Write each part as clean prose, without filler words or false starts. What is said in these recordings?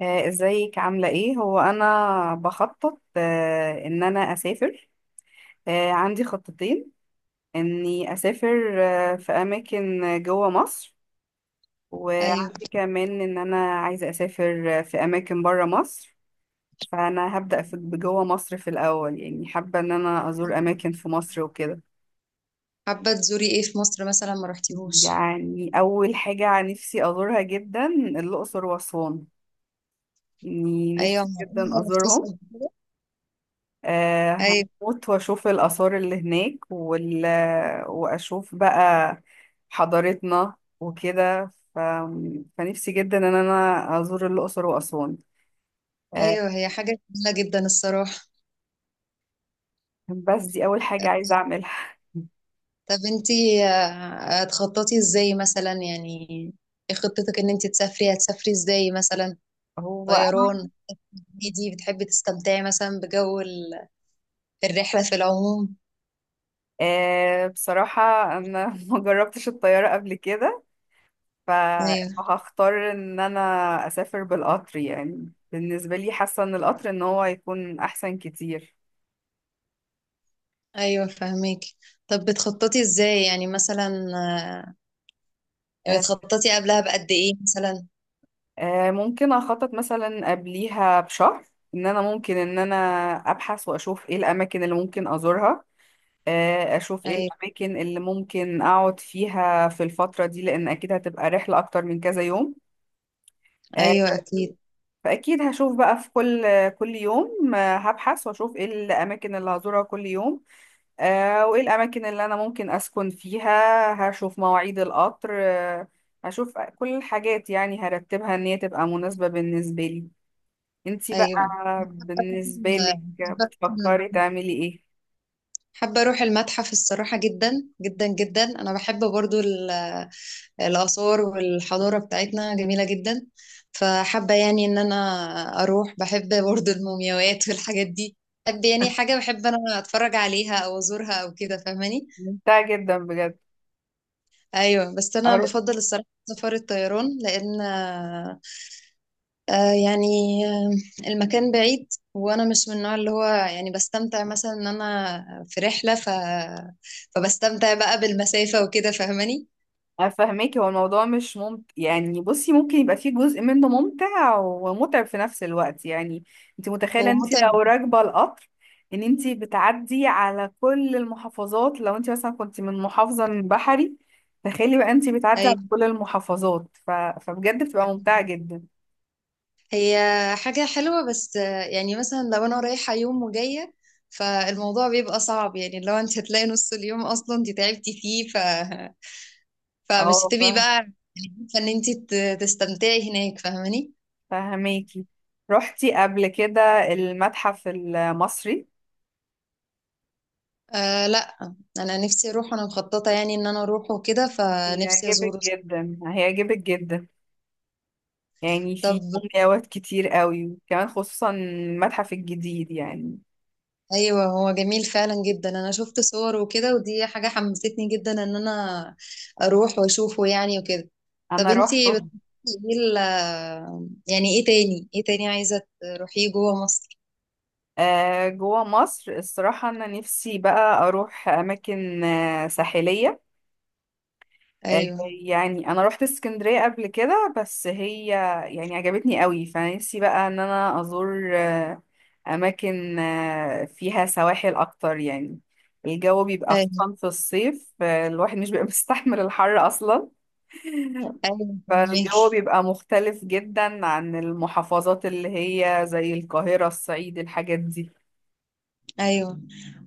ازيك، عاملة ايه؟ هو انا بخطط، ان انا اسافر. عندي خطتين، اني اسافر في اماكن جوه مصر، ايوه. وعندي كمان ان انا عايزة اسافر في اماكن بره مصر. فانا هبدأ في جوه مصر في الاول، يعني حابة ان انا ازور اماكن في مصر وكده. حابه تزوري ايه في مصر مثلا ما رحتيهوش؟ يعني اول حاجة نفسي ازورها جدا الاقصر واسوان، يعني ايوه، نفسي معقول جدا ما رحتيش؟ ازورهم. آه، ايوه، هموت واشوف الآثار اللي هناك واشوف بقى حضارتنا وكده. فنفسي جدا ان انا ازور الأقصر وأسوان. آه، ايوه، هي حاجه جميله جدا الصراحه. بس دي اول حاجة عايزة اعملها طب انتي هتخططي ازاي مثلا يعني؟ ايه خطتك، ان انتي تسافري هتسافري ازاي مثلا؟ هو، طيران دي بتحبي تستمتعي مثلا بجو الرحله في العموم؟ بصراحة انا ما جربتش الطيارة قبل كده. ف- ايوه، فهختار ان انا اسافر بالقطر، يعني بالنسبة لي حاسة ان القطر ان هو يكون احسن كتير. ايوه فهميكي. طب بتخططي ازاي يعني مثلا؟ آه، بتخططي قبلها بقد ايه مثلا؟ ممكن اخطط مثلا قبليها بشهر، ان انا ممكن ان انا ابحث واشوف ايه الاماكن اللي ممكن ازورها. اشوف ايه ايوه، الاماكن اللي ممكن اقعد فيها في الفترة دي، لان اكيد هتبقى رحلة اكتر من كذا يوم. آه، ايوه اكيد. فاكيد هشوف بقى في كل يوم هبحث واشوف ايه الاماكن اللي هزورها كل يوم. وايه الاماكن اللي انا ممكن اسكن فيها، هشوف مواعيد القطر. هشوف كل الحاجات، يعني هرتبها ان هي تبقى مناسبة بالنسبة لي. انتي بقى، ايوه. بالنسبة لك حابة بتفكري تعملي ايه؟ حابة أروح المتحف الصراحة، جدا جدا جدا. أنا بحب برضو الآثار، والحضارة بتاعتنا جميلة جدا. فحابة يعني إن أنا أروح. بحب برضو المومياوات والحاجات دي، بحب يعني حاجة بحب أنا أتفرج عليها أو أزورها أو كده، فاهماني؟ ممتع جدا بجد. أيوة، بس أنا أر- بفضل الصراحة سفر الطيران لأن آه يعني آه المكان بعيد، وانا مش من النوع اللي هو يعني بستمتع مثلا ان انا في رحلة فبستمتع بقى بالمسافة وكده، فاهماني؟ افهمك، هو الموضوع مش ممتع يعني، بصي ممكن يبقى فيه جزء منه ممتع ومتعب في نفس الوقت يعني. انتي متخيلة هو انتي متعب. لو راكبة القطر ان انتي بتعدي على كل المحافظات، لو انتي مثلا كنتي من محافظة من بحري، تخيلي بقى انتي بتعدي على ايوه، كل المحافظات. فبجد بتبقى ممتعة جدا. هي حاجة حلوة، بس يعني مثلا لو انا رايحة يوم وجاية فالموضوع بيبقى صعب، يعني لو انت هتلاقي نص اليوم اصلا انت تعبتي فيه فمش هتبقي اه، بقى يعني عارفة ان انت تستمتعي هناك، فاهماني؟ فهماكي. رحتي قبل كده المتحف المصري؟ آه لا. انا نفسي اروح، انا مخططه يعني ان انا اروح وكده، فنفسي هيعجبك ازوره. جدا، هيعجبك جدا. يعني طب فيه مومياوات كتير قوي، وكمان خصوصا المتحف الجديد يعني. ايوه، هو جميل فعلا جدا. انا شفت صور وكده، ودي حاجه حمستني جدا ان انا اروح واشوفه يعني وكده. طب انا انتي روحته. بتحبي ايه يعني ايه تاني، ايه تاني عايزه تروحيه جوه مصر؟ جوه مصر الصراحة أنا نفسي بقى أروح أماكن ساحلية. آه، ايوه. يعني أنا روحت اسكندرية قبل كده، بس هي يعني عجبتني قوي، فنفسي بقى إن أنا أزور أماكن فيها سواحل أكتر يعني. الجو بيبقى ايوه. خصوصا في الصيف، الواحد مش بيبقى مستحمل الحر أصلا. ايوه فالجو فهماكي. بيبقى مختلف جدا عن المحافظات اللي هي زي القاهرة، الصعيد، الحاجات دي. ايوه.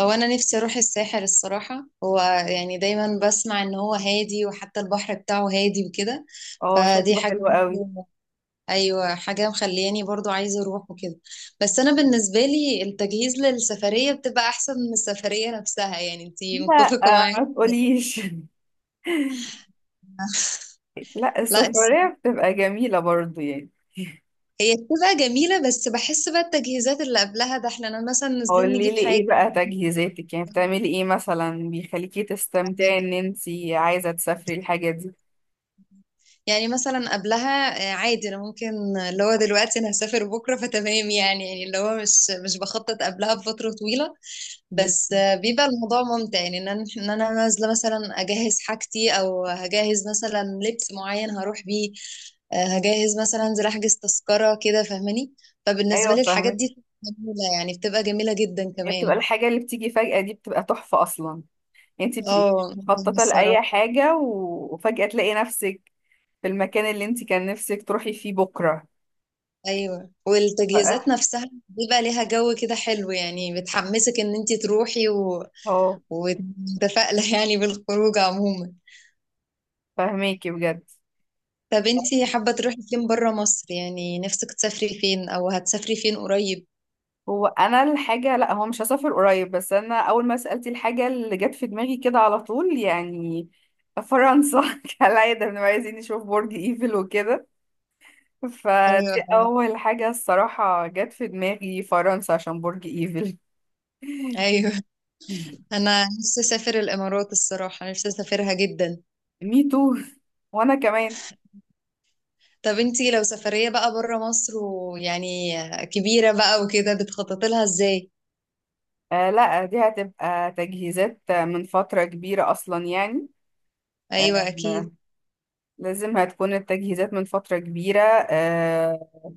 هو انا نفسي اروح الساحل الصراحه. هو يعني دايما بسمع ان هو هادي، وحتى البحر بتاعه هادي وكده. اه فدي شكله حاجه حلو قوي. برضو- ايوه، حاجه مخلياني برضو عايزه اروح وكده. بس انا بالنسبه لي التجهيز للسفريه بتبقى احسن من السفريه نفسها، يعني انتي لا متفقه معايا؟ ما تقوليش لا لا السفرية بتبقى جميلة برضو يعني. هي بتبقى جميله، بس بحس بقى التجهيزات اللي قبلها ده، احنا أنا مثلا نازلين قولي نجيب لي ايه حاجه. بقى تجهيزاتك، يعني بتعملي ايه مثلا بيخليكي تستمتعي ان انتي عايزة تسافري الحاجة دي؟ يعني مثلا قبلها عادي انا ممكن، اللي هو دلوقتي انا هسافر بكره فتمام يعني، يعني اللي هو مش بخطط قبلها بفتره طويله. بس مم. بيبقى الموضوع ممتع، يعني ان انا إن أنا نازله مثلا اجهز حاجتي، او هجهز مثلا لبس معين هروح بيه، هجهز مثلا انزل احجز تذكره كده، فاهماني؟ فبالنسبه ايوه لي الحاجات فاهمة. دي جميله، يعني بتبقى جميله جدا هي بتبقى كمان. الحاجة اللي بتيجي فجأة دي بتبقى تحفة أصلا. يعني انت بتبقي مش اه مخططة لأي الصراحه. حاجة، و- وفجأة تلاقي نفسك في المكان اللي انت كان نفسك تروحي فيه بكرة. ايوه، والتجهيزات ف- نفسها بيبقى ليها جو كده حلو، يعني بتحمسك ان انت تروحي اه ومتفائله يعني بالخروج عموما. فهميكي بجد. طب انت حابه تروحي فين بره مصر، يعني نفسك تسافري فين، او هتسافري فين قريب؟ هو أنا الحاجة، لا هو مش هسافر قريب، بس أنا أول ما سألتي الحاجة اللي جت في دماغي كده على طول يعني فرنسا كالعادة بنبقى عايزين نشوف برج إيفل وكده، ايوه فدي فعلا. أول حاجة الصراحة جت في دماغي، فرنسا عشان برج إيفل ايوه. انا نفسي اسافر الامارات الصراحه، نفسي اسافرها جدا. مي تو، وانا كمان. طب انت لو سفريه بقى بره مصر، ويعني كبيره بقى وكده، بتخططي لها ازاي؟ آه لا، دي هتبقى تجهيزات من فترة كبيرة اصلا يعني. ايوه اكيد. آه، لازم هتكون التجهيزات من فترة كبيرة. آه،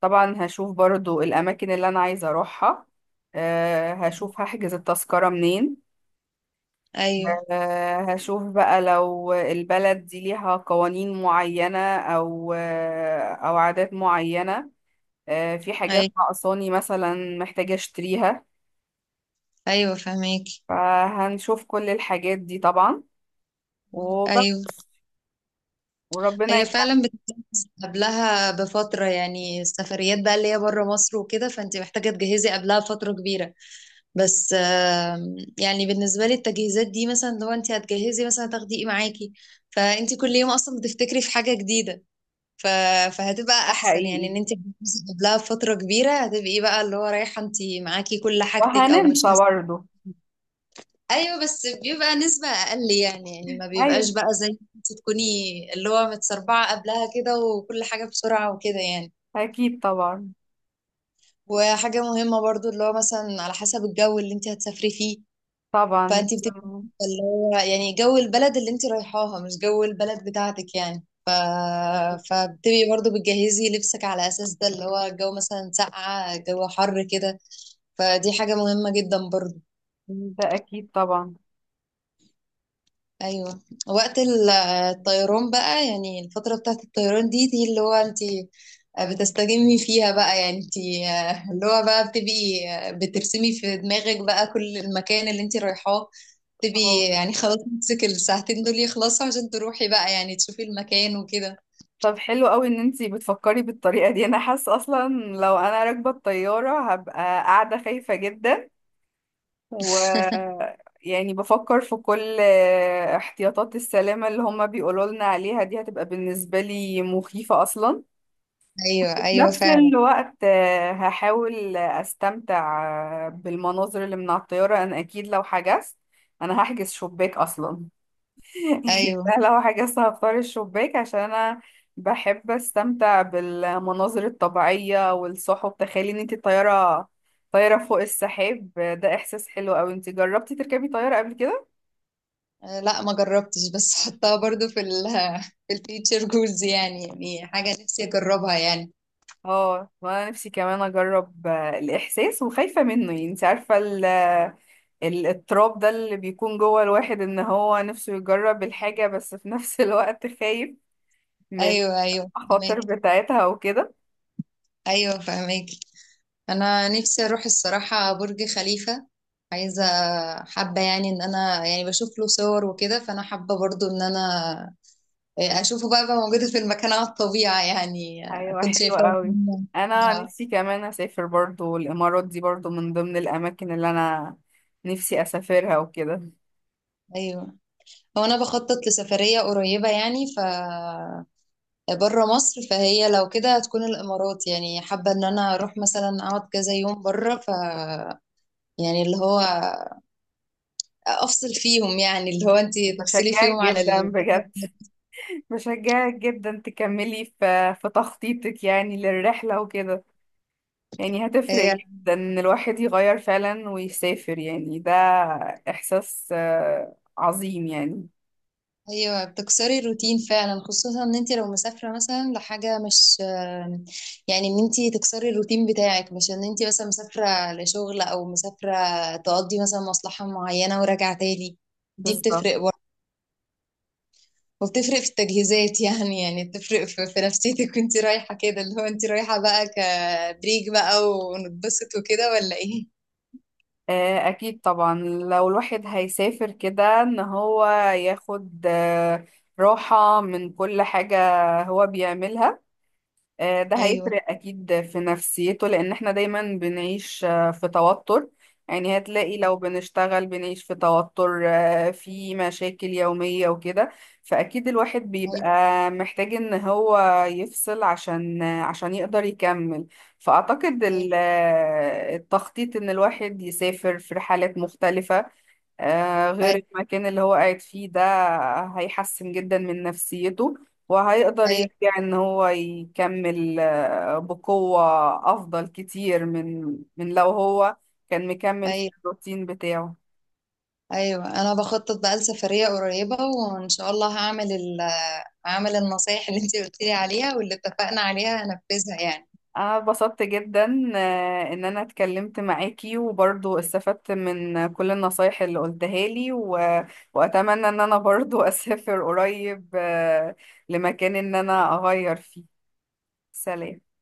طبعا هشوف برضو الاماكن اللي انا عايزة اروحها. آه، هشوف هحجز التذكرة منين. ايوه، آه، هشوف بقى لو البلد دي ليها قوانين معينة او عادات معينة. آه، في حاجات ايوه، ناقصاني مثلا محتاجة اشتريها. ايوه فهميك. فهنشوف كل الحاجات دي طبعا، ايوه، وبس، وربنا هي يكرمنا. فعلا بتتجهز قبلها بفترة، يعني السفريات بقى اللي هي بره مصر وكده، فانت محتاجة تجهزي قبلها فترة كبيرة. بس يعني بالنسبة لي التجهيزات دي مثلا لو انت هتجهزي مثلا تاخدي ايه معاكي، فانت كل يوم اصلا بتفتكري في حاجة جديدة، ف... فهتبقى احسن يعني حقيقي. ان انت تجهزي قبلها بفترة كبيرة، هتبقي بقى اللي هو رايحة انت معاكي كل حاجتك او مش وهننسى ناس. برضه. ايوه، بس بيبقى نسبة اقل يعني، يعني ما أيوة. بيبقاش بقى زي انت تكوني اللي هو متسربعة قبلها كده، وكل حاجة بسرعة وكده يعني. أكيد طبعا. وحاجة مهمة برضو اللي هو مثلا على حسب الجو اللي انت هتسافري فيه. طبعا. فانت بتبقى لازم- عارفة اللي هو يعني جو البلد اللي انت رايحاها مش جو البلد بتاعتك، يعني فبتبقي برضو بتجهزي لبسك على اساس ده، اللي هو الجو مثلا ساقعة، جو حر، كده. فدي حاجة مهمة جدا برضو. ده أكيد طبعا. ايوه. وقت الطيران بقى، يعني الفترة بتاعت الطيران دي، اللي هو انت بتستجمي فيها بقى، يعني انت اللي هو بقى بتبقي بترسمي في دماغك بقى كل المكان اللي انت رايحاه، بتبقي اه يعني خلاص نفسك الساعتين دول يخلصوا عشان تروحي بقى يعني تشوفي المكان وكده. طب حلو قوي ان انتي بتفكري بالطريقة دي. انا حاسة اصلا لو انا راكبة الطيارة هبقى قاعدة خايفة جدا، و يعني بفكر في كل احتياطات السلامة اللي هما بيقولوا لنا عليها، دي هتبقى بالنسبة لي مخيفة اصلا. ايوه، في ايوه نفس فعلا. الوقت هحاول استمتع بالمناظر اللي من على الطيارة. انا اكيد لو حجزت انا هحجز شباك اصلا يعني ايوه. أنا لو حجزت هختار الشباك عشان انا بحب استمتع بالمناظر الطبيعية والسحب. تخيلي ان انت طيارة، طيارة فوق السحاب. ده احساس حلو اوي. انت جربتي تركبي طيارة قبل كده؟ لا ما جربتش، بس حطها برضو في في الفيتشر جولز يعني، يعني حاجة نفسي اجربها يعني. اه، وانا نفسي كمان اجرب الاحساس، وخايفة منه يعني. انت عارفة، التراب ده اللي بيكون جوه الواحد ان هو نفسه يجرب الحاجة، بس في نفس الوقت خايف من ايوه، ايوه المخاطر فهماكي. بتاعتها وكده. ايوه فهماكي. انا نفسي اروح الصراحه برج خليفه. عايزه، حابه يعني ان انا يعني بشوف له صور وكده، فانا حابه برضو ان انا اشوفه بقى، بقى موجوده في المكان على الطبيعه يعني. ايوه كنت حلوة شايفاه قوي. قدامي. انا آه، نفسي كمان اسافر برضو الامارات، دي برضو من ضمن الاماكن اللي انا نفسي اسافرها وكده. ايوه. هو انا بخطط لسفريه قريبه يعني ف بره مصر، فهي لو كده هتكون الامارات، يعني حابه ان انا اروح مثلا اقعد كذا يوم بره، ف يعني اللي هو افصل فيهم، يعني اللي هو انت تفصلي بشجعك فيهم عن جدا الجو. بجد بشجعك جدا تكملي في تخطيطك يعني للرحلة وكده. يعني هتفرق هي جدا ان الواحد يغير فعلا ويسافر، يعني ده احساس عظيم يعني. ايوه، بتكسري الروتين فعلا، خصوصا ان انت لو مسافره مثلا لحاجه مش، يعني ان انت تكسري الروتين بتاعك، مش ان انت مثلا مسافره لشغل او مسافره تقضي مثلا مصلحه معينه وراجعه تاني. دي بالظبط. بتفرق برضه، وبتفرق في التجهيزات يعني، يعني بتفرق في نفسيتك وانت رايحه كده، اللي هو انت رايحه بقى كبريك بقى ونتبسط وكده ولا ايه؟ اكيد طبعا لو الواحد هيسافر كده ان هو ياخد راحة من كل حاجة هو بيعملها. ده ايوه، هيفرق أكيد في نفسيته، لأن احنا دايما بنعيش في توتر. يعني هتلاقي لو بنشتغل بنعيش في توتر، في مشاكل يومية وكده. فأكيد الواحد بيبقى ايوه، محتاج إن هو يفصل عشان يقدر يكمل. فأعتقد التخطيط إن الواحد يسافر في رحلات مختلفة غير ايوه، المكان اللي هو قاعد فيه، ده هيحسن جدا من نفسيته، وهيقدر ايوه، يرجع ان هو يكمل بقوة افضل كتير من لو هو كان مكمل في أيوة. الروتين بتاعه. ايوه انا بخطط بقى لسفريه قريبه، وان شاء الله هعمل هعمل النصايح اللي انت قلت لي عليها، واللي اتفقنا عليها هنفذها يعني. انا اتبسطت جدا ان انا اتكلمت معاكي وبرضو استفدت من كل النصايح اللي قلتها لي، واتمنى ان انا برضو اسافر قريب لمكان ان انا اغير فيه. سلام.